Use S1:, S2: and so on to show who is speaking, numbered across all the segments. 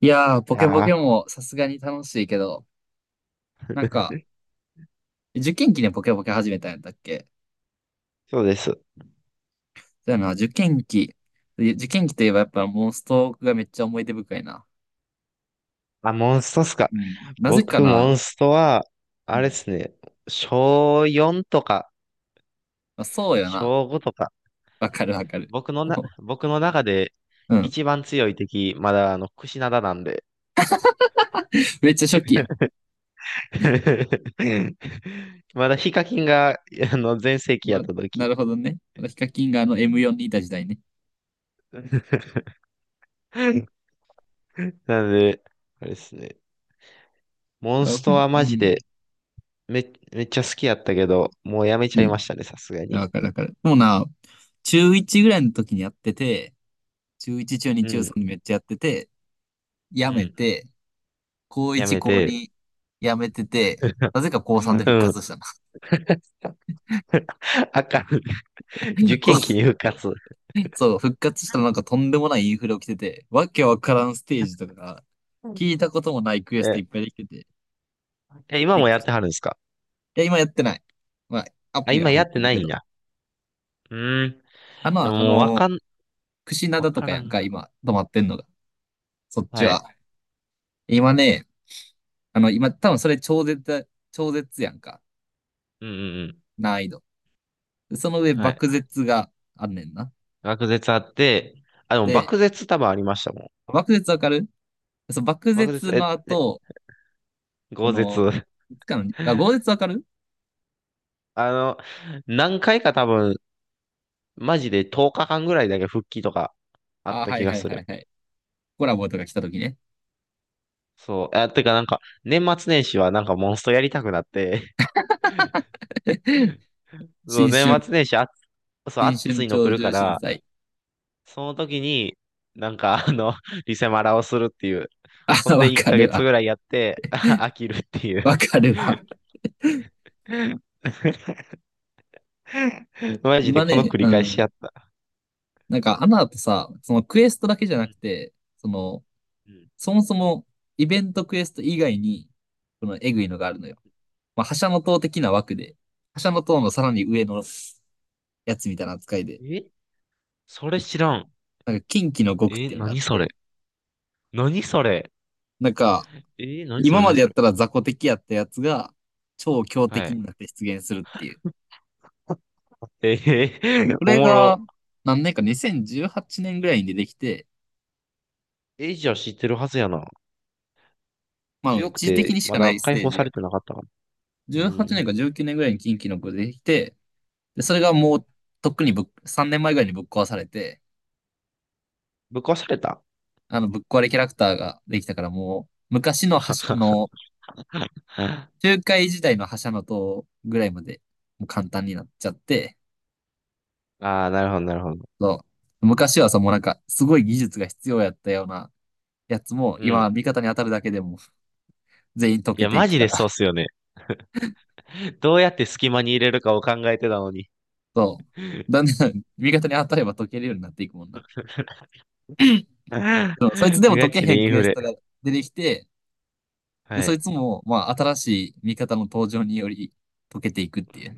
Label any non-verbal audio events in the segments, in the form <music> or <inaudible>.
S1: いやー、ポケポ
S2: あ
S1: ケ
S2: あ、
S1: もさすがに楽しいけど、なんか、受験期でポケポケ始めたんやったっけ？
S2: そうです。
S1: そうやな、受験期。で受験期といえばやっぱモンストがめっちゃ思い出深いな。
S2: あ、モンストっすか。
S1: うん。なぜか
S2: 僕、モ
S1: な。
S2: ンストは、
S1: う
S2: あれ
S1: ん。
S2: ですね、小4とか、
S1: まあ、そうや
S2: 小
S1: な。
S2: 5とか、
S1: わかるわかる。<laughs>
S2: 僕の中で
S1: うん。
S2: 一番強い敵、まだ、クシナダなんで。
S1: めっちゃ初期や。
S2: <laughs> まだヒカキンが、全盛期や
S1: ま、
S2: った
S1: な
S2: 時。
S1: るほどね。まだヒカキンがあの M4 にいた時代ね。
S2: <laughs> なので、あれですね、モン
S1: あ、う
S2: スト
S1: ん。
S2: は
S1: う
S2: マジで、
S1: ん。
S2: めっちゃ好きやったけど、もうやめち
S1: う
S2: ゃいま
S1: ん。
S2: したね、さすがに。
S1: わかるわかる。でもな、中1ぐらいの時にやってて、中1、中2、
S2: う
S1: 中
S2: ん、
S1: 3でめっちゃやってて、
S2: う
S1: やめ
S2: ん、
S1: て、高
S2: や
S1: 1、
S2: め
S1: 高
S2: て。
S1: 2辞めてて、なぜか高3で復
S2: うん。
S1: 活したの。
S2: <laughs> あかん。受
S1: <laughs> こ
S2: 験期
S1: う
S2: に復活。
S1: そう、復活したらなんかとんでもないインフレ起きてて、わけわからんステージとか、聞いたこともないクエスト
S2: え、
S1: いっぱいできてて。
S2: 今
S1: え、
S2: も
S1: く
S2: や
S1: い
S2: ってはるんですか？
S1: や、今やってない。まあ、ア
S2: あ、
S1: プリ
S2: 今
S1: は入
S2: や
S1: っ
S2: って
S1: てる
S2: な
S1: け
S2: いん
S1: ど。
S2: や。うーん。
S1: あ
S2: で
S1: の、
S2: も
S1: あ
S2: もうわ
S1: の、
S2: かん、
S1: クシナ
S2: わ
S1: ダと
S2: か
S1: か
S2: ら
S1: やん
S2: ん。
S1: か、今、止まってんのが。そっち
S2: はい。
S1: は。今ね、あの、今、多分それ超絶やんか、
S2: うんうんうん。
S1: 難易度。でその上、
S2: はい。
S1: 爆絶があんねんな。
S2: 学舌あって、あ、でも
S1: で、
S2: 漠舌多分ありましたもん。
S1: 爆絶わかる？そう、爆
S2: 漠舌、
S1: 絶
S2: え、
S1: の
S2: え、
S1: 後、こ
S2: 豪
S1: の、
S2: 舌。
S1: いつかの、あ、豪
S2: <laughs>
S1: 絶わかる？
S2: あの、何回か多分、マジで10日間ぐらいだけ復帰とかあ
S1: あ、
S2: った
S1: は
S2: 気
S1: い
S2: が
S1: はい
S2: す
S1: はい
S2: る。
S1: はい。コラボとか来た時ね。
S2: そう。あ、てかなんか、年末年始はなんかモンストやりたくなって、
S1: <laughs>
S2: そう、
S1: 新
S2: 年
S1: 春、
S2: 末年始あ、そう、
S1: 新
S2: 暑
S1: 春
S2: いの来
S1: 鳥
S2: るか
S1: 獣震
S2: ら、
S1: 災。
S2: その時に、なんか、あの、<laughs> リセマラをするっていう。ほ
S1: あ、
S2: んで、
S1: わ
S2: 1
S1: かる
S2: ヶ月
S1: わ。
S2: ぐらいやって、<laughs> 飽きるっていう。
S1: わかるわ。
S2: <laughs> マジで
S1: 今
S2: この
S1: ね、
S2: 繰
S1: う
S2: り返し
S1: ん。
S2: やった。
S1: なんか、アナとさ、そのクエストだけじゃ
S2: う
S1: な
S2: ん
S1: くて、その、
S2: うん、
S1: そもそもイベントクエスト以外に、このエグいのがあるのよ。まあ、覇者の塔的な枠で、覇者の塔のさらに上のやつみたいな扱いで、
S2: え、それ知らん。
S1: なんか、近畿の極ってい
S2: え、
S1: うのがあっ
S2: 何それ
S1: て、
S2: 何それ？
S1: なんか、今ま
S2: 何
S1: でや
S2: そ
S1: っ
S2: れ？
S1: たら雑魚敵やったやつが超強
S2: は
S1: 敵に
S2: い。
S1: なって出現するっていう。
S2: えー
S1: こ
S2: <laughs> お
S1: れ
S2: も
S1: が
S2: ろ。
S1: 何年か、2018年ぐらいに出てきて、
S2: え、じゃあ知ってるはずやな。
S1: まあ
S2: 強く
S1: 一時的に
S2: て、
S1: し
S2: ま
S1: かな
S2: だ
S1: いス
S2: 解
S1: テー
S2: 放
S1: ジ
S2: さ
S1: や
S2: れて
S1: から。
S2: なかったかも。うん
S1: 18
S2: う
S1: 年か
S2: ん。
S1: 19年ぐらいに近畿の子出てきて、で、それが
S2: う
S1: も
S2: ん、
S1: うとっくに3年前ぐらいにぶっ壊されて、
S2: ぶっ壊された？
S1: あのぶっ壊れキャラクターができたからもう昔の覇者、あ
S2: <laughs>
S1: の、中海時代の覇者の塔ぐらいまでもう簡単になっちゃって、
S2: ああ、なるほど、なるほど。
S1: そう。昔はさ、もうなんかすごい技術が必要やったようなやつも、
S2: う
S1: 今、
S2: ん。
S1: 味方に当たるだけでも、全員溶
S2: い
S1: け
S2: や、
S1: てい
S2: マ
S1: く
S2: ジ
S1: か
S2: で
S1: ら。
S2: そうっ
S1: <laughs>
S2: すよね。<laughs> どうやって隙間に入れるかを考えてたのに。
S1: そう。だんだん、味方に当たれば溶けるようになっていくもんな。そう、そいつで
S2: <laughs>
S1: も溶
S2: ガ
S1: け
S2: チ
S1: へ
S2: で
S1: ん
S2: イン
S1: クエ
S2: フ
S1: ス
S2: レ。
S1: トが出てきて、で、
S2: は
S1: そい
S2: い。
S1: つも、まあ、新しい味方の登場により溶けていくっていう。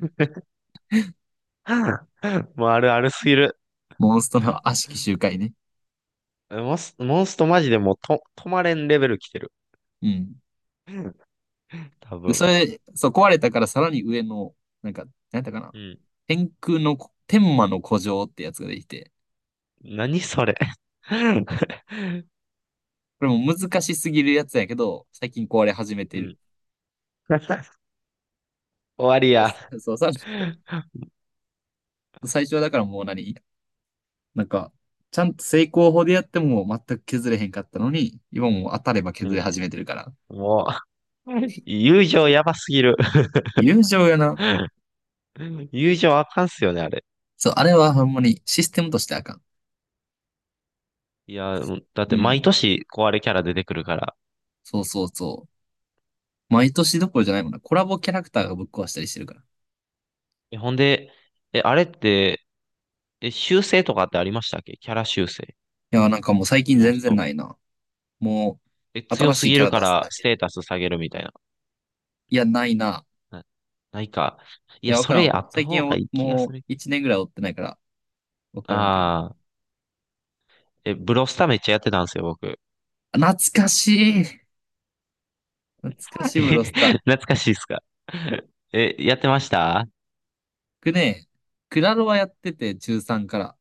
S2: <laughs> もうあるあるすぎる。
S1: モンスト
S2: <laughs>
S1: の悪しき周回ね。
S2: モンストマジでもうと、止まれんレベル来てる。
S1: うん。
S2: 多
S1: で、そ
S2: 分。
S1: れ、そう、壊れたからさらに上の、なんか、なんだかな。
S2: うん。
S1: 天魔の古城ってやつができて、
S2: 何それ。<laughs>
S1: これも難しすぎるやつやけど、最近壊れ始めて
S2: う
S1: る。
S2: ん。<laughs> 終わりや。
S1: そう、そうさらに、最初は、だからもうなんか、ちゃんと成功法でやっても全く削れへんかったのに、今もう当たれば
S2: う
S1: 削れ
S2: ん。
S1: 始めてるから。
S2: もう、<laughs> 友情やばすぎる。
S1: 友情やな。
S2: <laughs> 友情あかんっすよね、あれ。
S1: そう、あれはほんまにシステムとしてあかん。
S2: いや、だっ
S1: う
S2: て毎
S1: ん。
S2: 年壊れキャラ出てくるから。
S1: そうそうそう。毎年どころじゃないもんな。コラボキャラクターがぶっ壊したりしてるから。い
S2: え、ほんで、え、あれって、え、修正とかってありましたっけ？キャラ修正。
S1: や、なんかもう最近
S2: モン
S1: 全
S2: ス
S1: 然
S2: ト。
S1: ないな。も
S2: え、
S1: う、
S2: 強
S1: 新
S2: す
S1: しい
S2: ぎ
S1: キャ
S2: る
S1: ラ
S2: か
S1: 出す
S2: ら
S1: だ
S2: ス
S1: け。
S2: テータス下げるみたいな。
S1: いや、ないな。
S2: な、ないか。い
S1: い
S2: や、
S1: や、わ
S2: そ
S1: からん
S2: れ
S1: わか
S2: や
S1: らん。
S2: った
S1: 最
S2: 方
S1: 近
S2: が
S1: お
S2: いい気が
S1: も
S2: す
S1: う
S2: るけど。
S1: 1年ぐらい追ってないから、わからんけど。
S2: ああ、え、ブロスタめっちゃやってたんですよ、僕。
S1: あ、懐かしい。懐か
S2: <laughs>
S1: しいブロスタ
S2: え、
S1: ー。
S2: 懐かしいっすか？<laughs> え、やってましたあ
S1: 僕ね、クラロワやってて、中3から。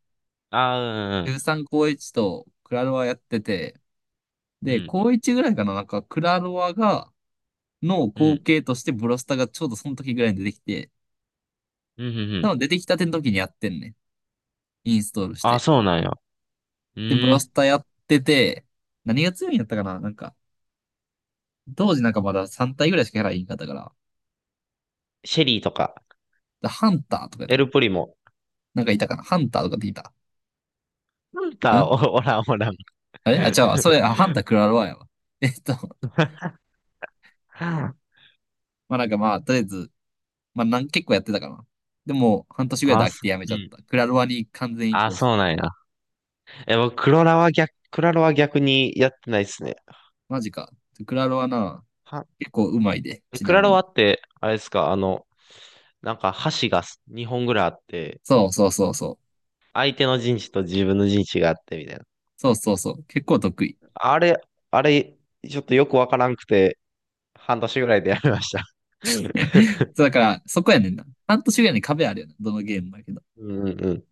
S2: あ
S1: 中
S2: ー、
S1: 3高1とクラロワやってて、
S2: う
S1: で、
S2: ん、
S1: 高1ぐらいかな、なんかクラロワがの
S2: う
S1: 後
S2: ん、
S1: 継としてブロスタがちょうどその時ぐらいに出てきて、
S2: うん、うん、うんう
S1: 多
S2: ん。
S1: 分出てきたての時にやってんね。インストールし
S2: ああ、
S1: て。
S2: そうなんや。う
S1: で、ブロ
S2: ん。
S1: スタやってて、何が強いんやったかな、なんか、当時なんかまだ3体ぐらいしかキャラいんかったから、
S2: シェリーとか、
S1: だハンターとかやった
S2: エ
S1: か
S2: ル
S1: ら、
S2: プリも。
S1: なんかいたかなハンターとかっていたん？
S2: おらん、おらん。
S1: あれあ、違うわ。それ、あ、ハンタ
S2: <laughs>
S1: ークラロワやわ。えっと、
S2: あ
S1: まあなんかまあ、とりあえず、まあなん、結構やってたかな。でも、半年ぐらいで
S2: あ、
S1: 飽き
S2: そ
S1: てやめち
S2: う
S1: ゃっ
S2: ん。
S1: た。クラロワに完全移
S2: あ、
S1: 行した。
S2: そうなんや。え、僕、クロラは逆、クラロは逆にやってないですね。
S1: マジか。クラロワな、
S2: は、
S1: 結構うまいで、
S2: え
S1: ち
S2: ク
S1: な
S2: ラ
S1: み
S2: ロ
S1: に。
S2: ワって、あれですか、なんか箸が2本ぐらいあって、
S1: そうそうそうそう。
S2: 相手の陣地と自分の陣地があってみたいな。
S1: そうそうそう。結構得意。
S2: あれ、あれ、ちょっとよくわからんくて、半年ぐらいでやめました。
S1: そ
S2: <laughs>
S1: うだから、そこやねんな。半年ぐらいに壁あるよな。どのゲームだけど。
S2: うんうんうん。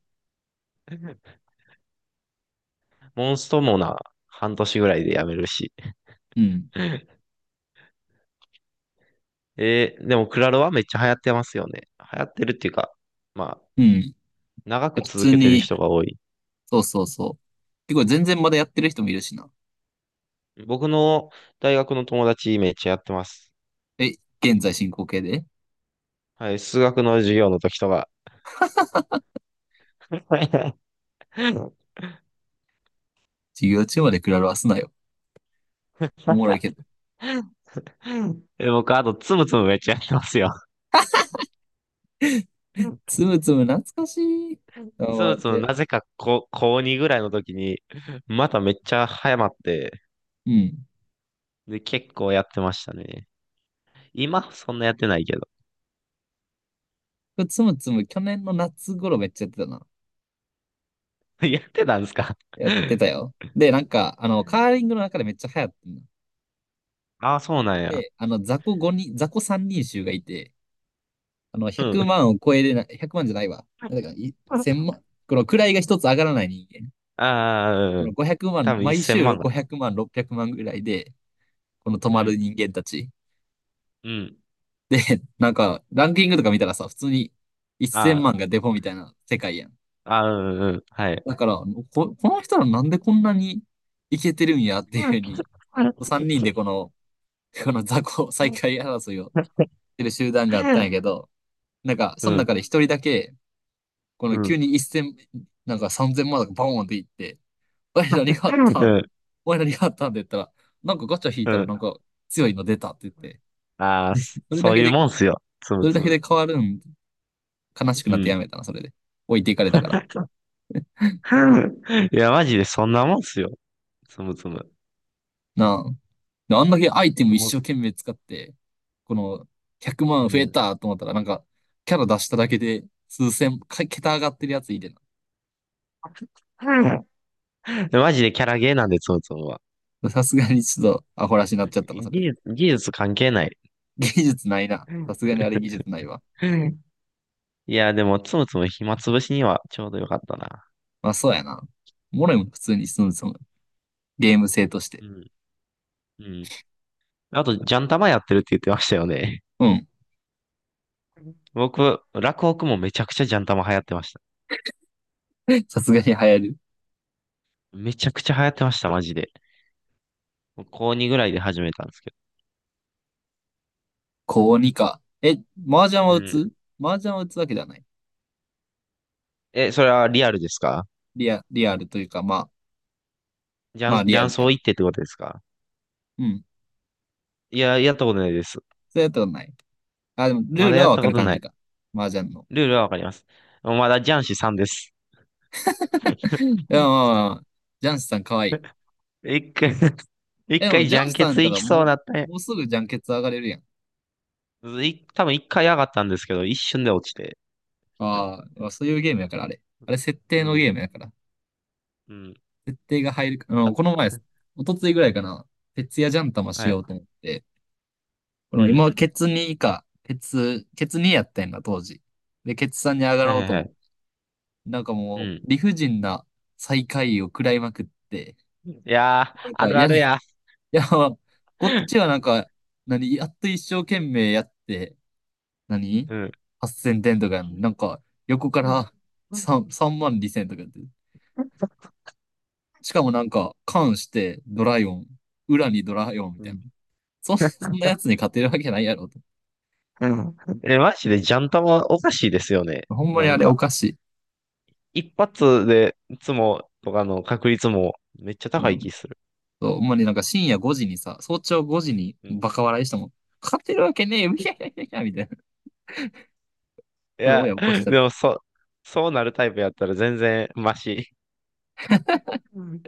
S2: モンストもな、半年ぐらいでやめるし。
S1: うん。
S2: えー、でもクラロワめっちゃ流行ってますよね。流行ってるっていうか、まあ、
S1: うん。
S2: 長
S1: 普
S2: く続
S1: 通
S2: けてる
S1: に、
S2: 人が多い。
S1: そうそうそう。結構全然まだやってる人もいるしな。
S2: 僕の大学の友達めっちゃやってます。
S1: え、現在進行形で？
S2: はい、数学の授業の時とか。<laughs>
S1: 授業中までクラロワすなよ。おもろいけど。
S2: え、僕、あと、つむつむめっちゃやってますよ。
S1: つむつむ懐かしい。
S2: つ
S1: あ、
S2: むつむ、
S1: で、
S2: なぜか高、高2ぐらいの時に、まためっちゃ早まって、
S1: うん。
S2: で、結構やってましたね。今、そんなやってないけど。
S1: つむつむ去年の夏頃めっちゃやってたな。
S2: <laughs> やってたんですか？
S1: やってた
S2: <laughs>
S1: よ。で、なんか、あの、カーリングの中でめっちゃ流行ってんの。
S2: ああ、そうなんや。
S1: で、あの、雑魚5人、雑魚3人衆がいて、あの、
S2: うん。
S1: 100万じゃないわ。なんだか、1000万、この位が一つ上がらない人間。
S2: ああ、
S1: こ
S2: う
S1: の
S2: ん。
S1: 5 0万、
S2: 多分
S1: 毎
S2: 1000
S1: 週
S2: 万かな。
S1: 500万、600万ぐらいで、この止
S2: う
S1: まる
S2: ん、
S1: 人間たち。
S2: うん。
S1: なんか、ランキングとか見たらさ、普通に1000
S2: あ
S1: 万がデフォみたいな世界やん。
S2: あ、ああ、うん、うん。はい。
S1: だから、こ、この人らなんでこんなにいけてるんやっていうふうに、3人でこ
S2: <laughs>
S1: の、この雑魚再開争いをてる集団があったんやけど、なんか、
S2: う
S1: その
S2: ん、う
S1: 中
S2: ん。
S1: で
S2: <laughs>
S1: 一人だけ、この急
S2: う
S1: に一千、なんか三千万とかバーンっていって、おい何があったん？
S2: ん、
S1: おい何があったんって言ったら、なんかガチャ引い
S2: う
S1: たらな
S2: ん。
S1: んか強いの出たって言って、
S2: ああ、そ、
S1: それ
S2: そ
S1: だ
S2: う
S1: け
S2: いう
S1: で、
S2: もんっすよ。つ
S1: そ
S2: む
S1: れ
S2: つ
S1: だけ
S2: む。
S1: で変わるん？悲しく
S2: う
S1: なってや
S2: ん。
S1: めたな、それで。置いていかれたから。
S2: <laughs> いや、マジでそんなもんっすよ。つむつむ。
S1: なあ。であんだけアイテム
S2: も
S1: 一
S2: う、
S1: 生懸命使って、この100
S2: う
S1: 万増え
S2: ん。
S1: たと思ったら、なんか、キャラ出しただけで数千、か桁上がってるやついて
S2: でマジでキャラゲーなんで、つむつむは。
S1: な。さすがにちょっとアホらしになっちゃったな、それで。
S2: 技術関係ない。
S1: 技術ないな。
S2: う
S1: さ
S2: ん、
S1: すがにあれ技術ないわ。
S2: いや、でも、つむつむ暇つぶしにはちょうどよかったな。
S1: まあそうやな。モレも普通に進むそのゲーム性として。
S2: うん、うん。あと、ジャンタマやってるって言ってましたよね。
S1: うん。
S2: 僕、落北もめちゃくちゃジャンタマ流行ってました。
S1: <laughs> さすがに流行る。
S2: めちゃくちゃ流行ってました、マジで。高2ぐらいで始めたんですけ
S1: 高にか。え、麻雀は
S2: ど。う
S1: 打
S2: ん。
S1: つ？麻雀は打つわけではない。
S2: え、それはリアルですか？
S1: リアルというか、まあ、まあ
S2: ジ
S1: リア
S2: ャン
S1: ルや
S2: ソー
S1: な。
S2: 行ってってことですか？
S1: うん。
S2: いや、やったことないです。
S1: そうやったことない。あ、でもル
S2: ま
S1: ー
S2: だ
S1: ル
S2: や
S1: は
S2: っ
S1: わ
S2: た
S1: か
S2: こ
S1: る
S2: と
S1: 感
S2: な
S1: じ
S2: い。
S1: か。麻雀の。
S2: ルールはわかります。まだジャンシさんです。
S1: いや、まあまあ、
S2: <laughs>
S1: まあ、ジャンスさんかわいい。
S2: 一回 <laughs>
S1: え、
S2: 一
S1: でも
S2: 回
S1: ジ
S2: ジ
S1: ャ
S2: ャ
S1: ン
S2: ン
S1: スさ
S2: ケ
S1: んやっ
S2: ツ
S1: た
S2: 行
S1: ら
S2: きそう
S1: も
S2: なった
S1: う、
S2: ね。
S1: もうすぐジャンケツ上がれるやん。
S2: い、多分一回上がったんですけど、一瞬で落ちて。
S1: ああ、まあそういうゲームやから、あれ。あれ設
S2: う
S1: 定の
S2: ん、
S1: ゲームやから。
S2: うん、
S1: 設定が入るか、あの、この前、一昨日ぐらいかな、徹夜ジャン玉し
S2: は
S1: よ
S2: い、
S1: うと思って、こ
S2: う
S1: の
S2: ん、
S1: 今、ケツ2か、ケツ2やったんだ、当時。で、ケツ3に上が
S2: は
S1: ろ
S2: い
S1: う
S2: はい
S1: と
S2: は
S1: 思って、
S2: い。
S1: なんか
S2: う
S1: も
S2: ん。
S1: う、理不尽な最下位を食らいまくって、
S2: いや
S1: な
S2: ー、
S1: ん
S2: あ
S1: かい
S2: るあ
S1: や
S2: る
S1: ね、
S2: や。
S1: <laughs> いや、こっちはなんか、やっと一生懸命やって、何？
S2: うん。
S1: 8000 点とかやのになんか、横から3、3万2000とかやって、しかもなんか、関してドライオン、裏にドライオンみたいな。<laughs> そんなやつに勝てるわけないやろと。
S2: うん。え、マジでジャンタマおかしいですよね。
S1: ほんま
S2: な
S1: にあ
S2: ん
S1: れお
S2: か、
S1: かしい。
S2: 一発でいつもとかの確率もめっちゃ
S1: う
S2: 高い
S1: ん。
S2: 気する。
S1: そうほんまになんか深夜5時にさ、早朝5時に
S2: うん。い
S1: バカ笑いしてもん、勝てるわけねえよ、いやいやいやいや、みたいな。<laughs> それ
S2: や、
S1: 親起こしちゃっ
S2: で
S1: た。
S2: もそ、そうなるタイプやったら全然マシ。うん、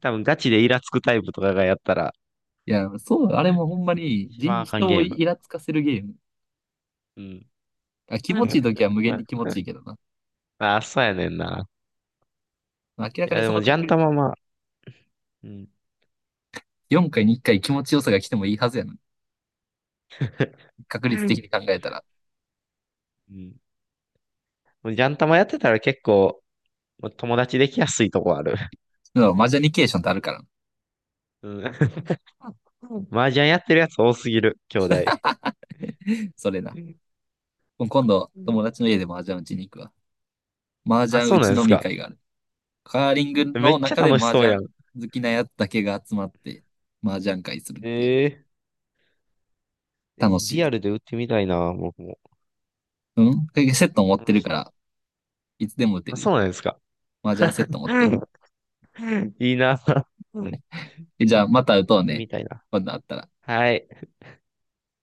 S2: 多分ガチでイラつくタイプとかがやったら、
S1: いや、そう、あれもほんまに
S2: 一番
S1: 人、
S2: あかん
S1: 人
S2: ゲ
S1: を
S2: ーム。
S1: イラつかせるゲーム。
S2: うん。
S1: あ、気
S2: う
S1: 持ちい
S2: ん
S1: い時は無限に気持
S2: <laughs>
S1: ちいいけどな。
S2: ああ、そうやねんな。
S1: 明ら
S2: い
S1: か
S2: や、
S1: に
S2: で
S1: その
S2: もジャ
S1: 確
S2: ン
S1: 率
S2: タマ
S1: な。
S2: まあ、うん。
S1: 4回に1回気持ちよさが来てもいいはずやな。確率的に考えたら。
S2: うん。もうジャンタマやってたら結構、もう友達できやすいとこある。
S1: でもマージャニケーションってあるからな。
S2: うん。うん、麻雀やってるやつ多すぎる、兄弟。
S1: <laughs> それな。今度、
S2: う
S1: 友
S2: ん、
S1: 達の家でマージャン打ちに行くわ。マージ
S2: あ、
S1: ャン
S2: そ
S1: 打
S2: うなん
S1: ち
S2: で
S1: 飲
S2: す
S1: み
S2: か。
S1: 会がある。カーリング
S2: め
S1: の
S2: っちゃ
S1: 中で
S2: 楽し
S1: 麻
S2: そうや
S1: 雀
S2: ん。
S1: 好きなやつだけが集まって麻雀会するっていう
S2: ええ、
S1: の。楽し
S2: リア
S1: い。
S2: ルで打ってみたいな、僕も。
S1: うん。セット持っ
S2: 楽
S1: てるか
S2: し、
S1: ら、いつでも打て
S2: あ、
S1: る。
S2: そうなんですか。
S1: 麻雀セット持っ
S2: う
S1: てる。
S2: ん、いいな。うん <laughs> や
S1: え、じゃあ、また打と
S2: っ
S1: う
S2: て
S1: ね。
S2: みたいな。
S1: 今度あったら。
S2: はい。